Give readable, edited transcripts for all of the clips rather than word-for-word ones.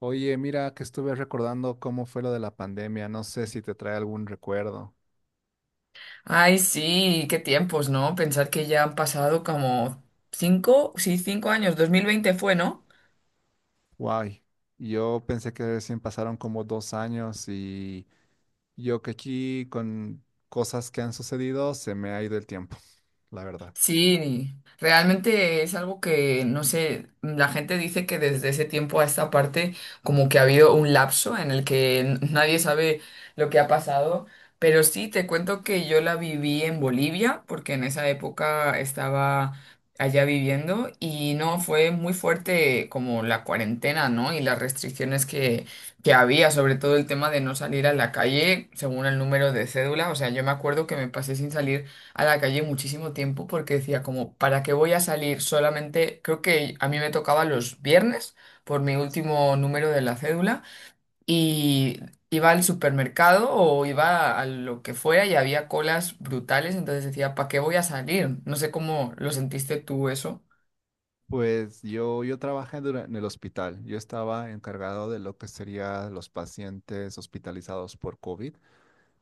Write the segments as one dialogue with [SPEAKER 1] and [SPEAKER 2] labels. [SPEAKER 1] Oye, mira que estuve recordando cómo fue lo de la pandemia. No sé si te trae algún recuerdo.
[SPEAKER 2] Ay, sí, qué tiempos, ¿no? Pensar que ya han pasado como cinco, sí, 5 años. 2020 fue, ¿no?
[SPEAKER 1] Guay. Yo pensé que recién pasaron como dos años y yo que aquí con cosas que han sucedido se me ha ido el tiempo, la verdad.
[SPEAKER 2] Sí, realmente es algo que, no sé, la gente dice que desde ese tiempo a esta parte como que ha habido un lapso en el que nadie sabe lo que ha pasado, pero sí, te cuento que yo la viví en Bolivia, porque en esa época estaba allá viviendo y no, fue muy fuerte como la cuarentena, ¿no? Y las restricciones que había, sobre todo el tema de no salir a la calle según el número de cédula, o sea, yo me acuerdo que me pasé sin salir a la calle muchísimo tiempo porque decía como, ¿para qué voy a salir? Solamente creo que a mí me tocaba los viernes por mi último número de la cédula y iba al supermercado o iba a lo que fuera y había colas brutales, entonces decía, ¿para qué voy a salir? No sé cómo lo sentiste tú eso.
[SPEAKER 1] Pues yo trabajé dura- en el hospital. Yo estaba encargado de lo que serían los pacientes hospitalizados por COVID.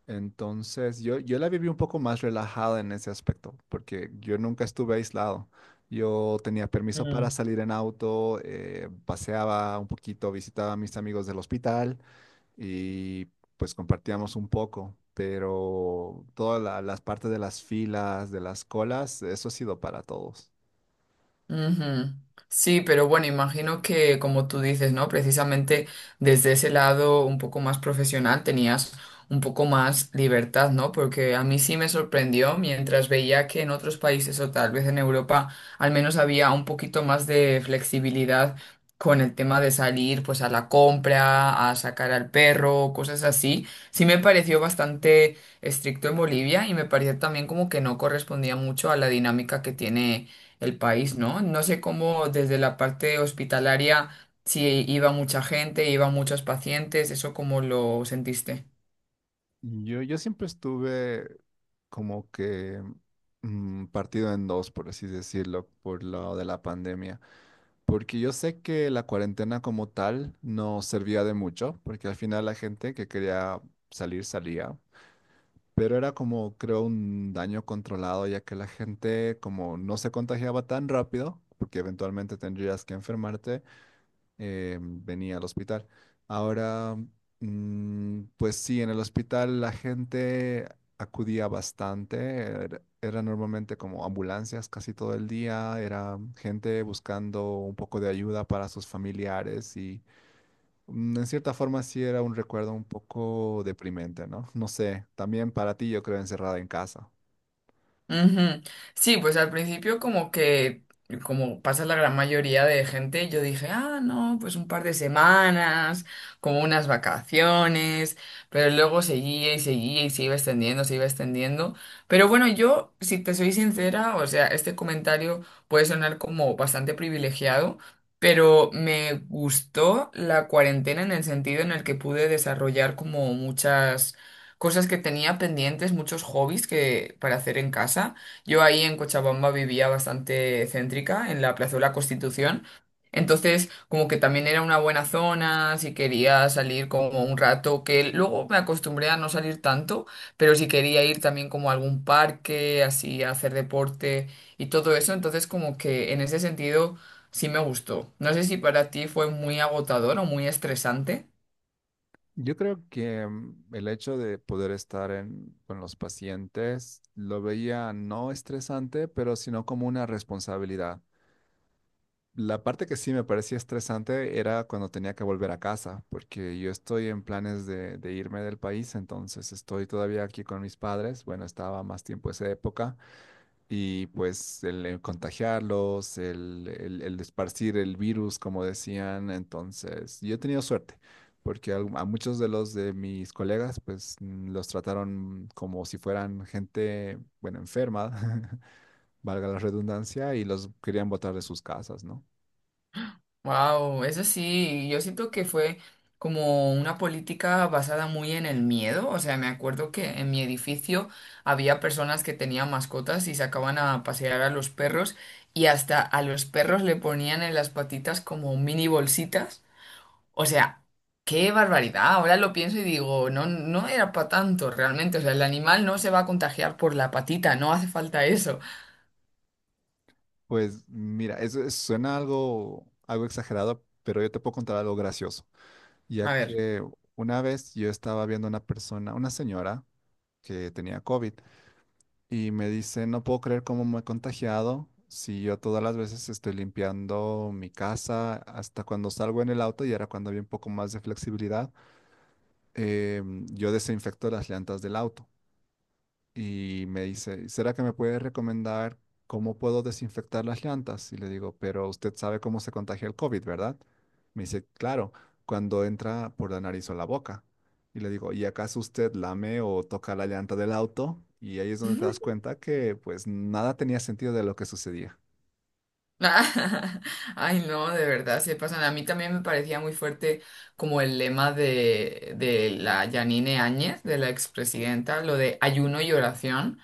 [SPEAKER 1] Entonces, yo la viví un poco más relajada en ese aspecto, porque yo nunca estuve aislado. Yo tenía permiso para salir en auto, paseaba un poquito, visitaba a mis amigos del hospital y pues compartíamos un poco, pero todas la- las partes de las filas, de las colas, eso ha sido para todos.
[SPEAKER 2] Ujú. Sí, pero bueno, imagino que como tú dices, ¿no? Precisamente desde ese lado un poco más profesional tenías un poco más libertad, ¿no? Porque a mí sí me sorprendió mientras veía que en otros países o tal vez en Europa al menos había un poquito más de flexibilidad con el tema de salir pues a la compra, a sacar al perro, cosas así. Sí me pareció bastante estricto en Bolivia y me pareció también como que no correspondía mucho a la dinámica que tiene el país, ¿no? No sé cómo desde la parte hospitalaria, si iba mucha gente, iban muchos pacientes, ¿eso cómo lo sentiste?
[SPEAKER 1] Yo siempre estuve como que partido en dos, por así decirlo, por lo de la pandemia. Porque yo sé que la cuarentena como tal no servía de mucho, porque al final la gente que quería salir salía, pero era como creo un daño controlado, ya que la gente como no se contagiaba tan rápido, porque eventualmente tendrías que enfermarte, venía al hospital. Ahora, pues sí, en el hospital la gente acudía bastante, era normalmente como ambulancias casi todo el día, era gente buscando un poco de ayuda para sus familiares y en cierta forma sí era un recuerdo un poco deprimente, ¿no? No sé, también para ti yo creo encerrada en casa.
[SPEAKER 2] Ujú. Sí, pues al principio como que, como pasa la gran mayoría de gente, yo dije, ah, no, pues un par de semanas, como unas vacaciones, pero luego seguía y seguía y se iba extendiendo, se iba extendiendo. Pero bueno, yo, si te soy sincera, o sea, este comentario puede sonar como bastante privilegiado, pero me gustó la cuarentena en el sentido en el que pude desarrollar como muchas cosas que tenía pendientes, muchos hobbies que para hacer en casa. Yo ahí en Cochabamba vivía bastante céntrica, en la Plaza de la Constitución. Entonces, como que también era una buena zona, si quería salir como un rato, que luego me acostumbré a no salir tanto, pero si quería ir también como a algún parque, así a hacer deporte y todo eso, entonces como que en ese sentido sí me gustó. No sé si para ti fue muy agotador o muy estresante.
[SPEAKER 1] Yo creo que el hecho de poder estar en- con los pacientes lo veía no estresante, pero sino como una responsabilidad. La parte que sí me parecía estresante era cuando tenía que volver a casa, porque yo estoy en planes de irme del país, entonces estoy todavía aquí con mis padres. Bueno, estaba más tiempo esa época. Y pues el, contagiarlos, el esparcir el virus, como decían. Entonces, yo he tenido suerte, porque al- a, muchos de los de mis colegas, pues los trataron como si fueran gente, bueno, enferma, valga la redundancia, y los querían botar de sus casas, ¿no?
[SPEAKER 2] Wow, eso sí, yo siento que fue como una política basada muy en el miedo. O sea, me acuerdo que en mi edificio había personas que tenían mascotas y sacaban a pasear a los perros y hasta a los perros le ponían en las patitas como mini bolsitas. O sea, qué barbaridad. Ahora lo pienso y digo, no, no era para tanto realmente. O sea, el animal no se va a contagiar por la patita, no hace falta eso.
[SPEAKER 1] Pues mira, eso es- suena algo, algo exagerado, pero yo te puedo contar algo gracioso, ya
[SPEAKER 2] A ver.
[SPEAKER 1] que una vez yo estaba viendo una persona, una señora que tenía COVID y me dice, no puedo creer cómo me he contagiado. Si yo todas las veces estoy limpiando mi casa, hasta cuando salgo en el auto, y era cuando había un poco más de flexibilidad, yo desinfecto las llantas del auto y me dice, ¿será que me puede recomendar cómo puedo desinfectar las llantas? Y le digo, pero usted sabe cómo se contagia el COVID, ¿verdad? Me dice, claro, cuando entra por la nariz o la boca. Y le digo, ¿y acaso usted lame o toca la llanta del auto? Y ahí es donde te das cuenta que pues nada tenía sentido de lo que sucedía.
[SPEAKER 2] Ay, no, de verdad, se pasan. A mí también me parecía muy fuerte como el lema de, la Yanine Áñez, de la expresidenta, lo de ayuno y oración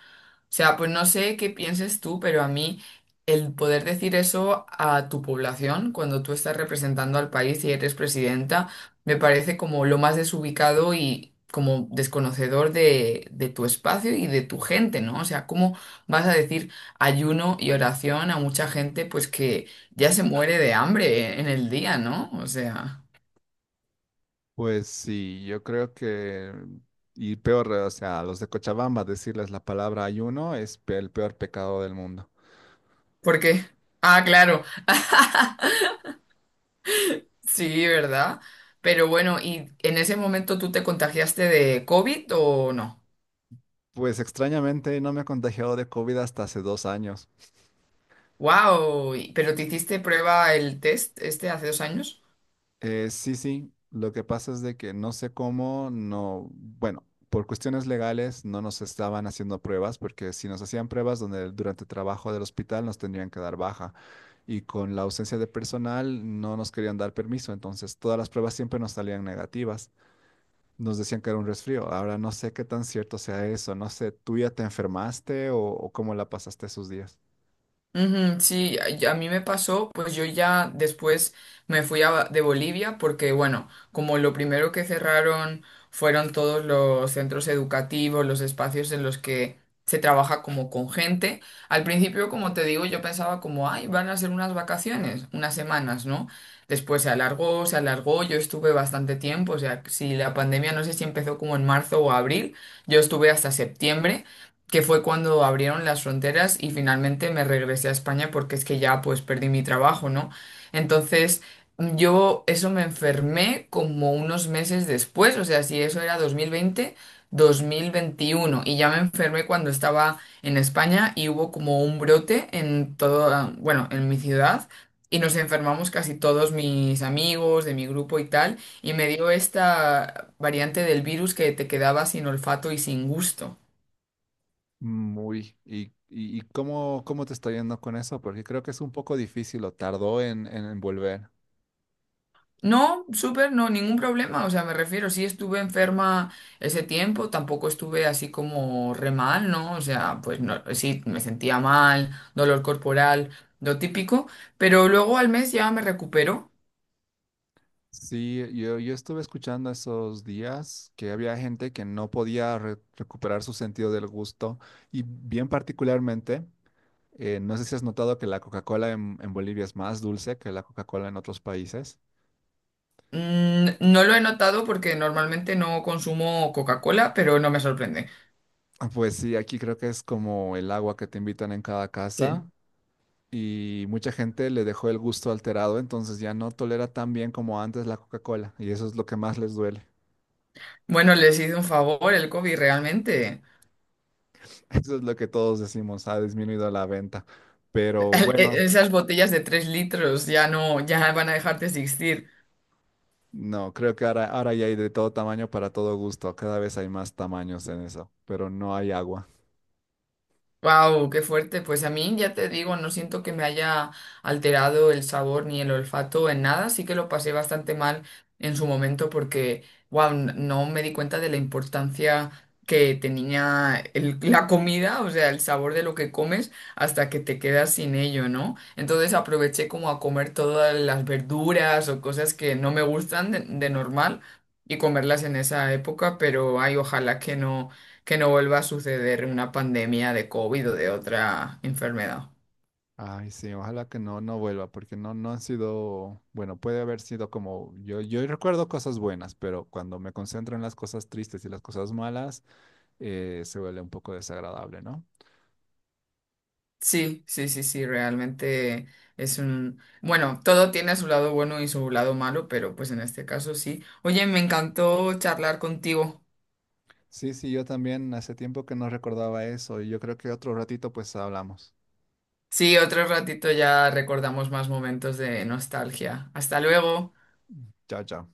[SPEAKER 2] sea, pues no sé qué pienses tú, pero a mí el poder decir eso a tu población cuando tú estás representando al país y eres presidenta, me parece como lo más desubicado y como desconocedor de tu espacio y de tu gente, ¿no? O sea, ¿cómo vas a decir ayuno y oración a mucha gente pues que ya se muere de hambre en el día, ¿no? O sea,
[SPEAKER 1] Pues sí, yo creo que, y peor, o sea, a los de Cochabamba decirles la palabra ayuno es pe- el peor pecado del mundo.
[SPEAKER 2] ¿por qué? Ah, claro. Sí, ¿verdad? Pero bueno, ¿y en ese momento tú te contagiaste de COVID o no?
[SPEAKER 1] Pues extrañamente no me he contagiado de COVID hasta hace 2 años.
[SPEAKER 2] ¡Wow! ¿Pero te hiciste prueba el test este hace 2 años?
[SPEAKER 1] Sí, lo que pasa es de que no sé cómo, no, bueno, por cuestiones legales no nos estaban haciendo pruebas, porque si nos hacían pruebas donde durante el trabajo del hospital nos tendrían que dar baja. Y con la ausencia de personal no nos querían dar permiso, entonces todas las pruebas siempre nos salían negativas. Nos decían que era un resfrío. Ahora no sé qué tan cierto sea eso, no sé, ¿tú ya te enfermaste o cómo la pasaste esos días?
[SPEAKER 2] Ujú, sí, a y a mí me pasó, pues yo ya después me fui de Bolivia porque, bueno, como lo primero que cerraron fueron todos los centros educativos, los espacios en los que se trabaja como con gente, al principio, como te digo, yo pensaba como, ay, van a ser unas vacaciones, unas semanas, ¿no? Después se alargó, yo estuve bastante tiempo, o sea, si la pandemia no sé si empezó como en marzo o abril, yo estuve hasta septiembre que fue cuando abrieron las fronteras y finalmente me regresé a España porque es que ya pues perdí mi trabajo, ¿no? Entonces yo eso me enfermé como unos meses después, o sea, si eso era 2020, 2021 y ya me enfermé cuando estaba en España y hubo como un brote en todo, bueno, en mi ciudad. Y nos enfermamos casi todos mis amigos de mi grupo y tal, y me dio esta variante del virus que te quedaba sin olfato y sin gusto.
[SPEAKER 1] Muy. Y cómo, cómo te está yendo con eso? Porque creo que es un poco difícil o tardó en volver.
[SPEAKER 2] No, súper, no, ningún problema. O sea, me refiero, sí estuve enferma ese tiempo, tampoco estuve así como re mal, ¿no? O sea, pues no, sí, me sentía mal, dolor corporal, lo típico, pero luego al mes ya me recupero.
[SPEAKER 1] Sí, yo estuve escuchando esos días que había gente que no podía re- recuperar su sentido del gusto y bien particularmente, no sé si has notado que la Coca-Cola en Bolivia es más dulce que la Coca-Cola en otros países.
[SPEAKER 2] Mm, no lo he notado porque normalmente no consumo Coca-Cola, pero no me sorprende.
[SPEAKER 1] Ah, pues sí, aquí creo que es como el agua que te invitan en cada
[SPEAKER 2] Sí.
[SPEAKER 1] casa y mucha gente le dejó el gusto alterado, entonces ya no tolera tan bien como antes la Coca-Cola y eso es lo que más les duele.
[SPEAKER 2] Bueno, les hice un favor el COVID realmente.
[SPEAKER 1] Eso es lo que todos decimos, ha disminuido la venta. Pero bueno,
[SPEAKER 2] Esas botellas de 3 litros ya no, ya van a dejar de existir.
[SPEAKER 1] no, creo que ahora, ahora ya hay de todo tamaño para todo gusto, cada vez hay más tamaños en eso, pero no hay agua.
[SPEAKER 2] Wow, qué fuerte. Pues a mí ya te digo, no siento que me haya alterado el sabor ni el olfato en nada. Sí que lo pasé bastante mal en su momento porque, wow, no me di cuenta de la importancia que tenía la comida, o sea, el sabor de lo que comes hasta que te quedas sin ello, ¿no? Entonces aproveché como a comer todas las verduras o cosas que no me gustan de, normal y comerlas en esa época, pero ay, ojalá que no vuelva a suceder una pandemia de COVID o de otra enfermedad.
[SPEAKER 1] Ay, sí, ojalá que no, no vuelva, porque no, no han sido, bueno, puede haber sido como, yo recuerdo cosas buenas, pero cuando me concentro en las cosas tristes y las cosas malas, se vuelve un poco desagradable, ¿no?
[SPEAKER 2] Sí, sí, sí, sí, realmente es un... Bueno, todo tiene su lado bueno y su lado malo, pero pues en este caso sí. Oye, me encantó charlar contigo.
[SPEAKER 1] Sí, sí, yo también hace tiempo que no recordaba eso y yo creo que otro ratito pues hablamos.
[SPEAKER 2] Sí, otro ratito ya recordamos más momentos de nostalgia. Hasta luego.
[SPEAKER 1] Chao, chao.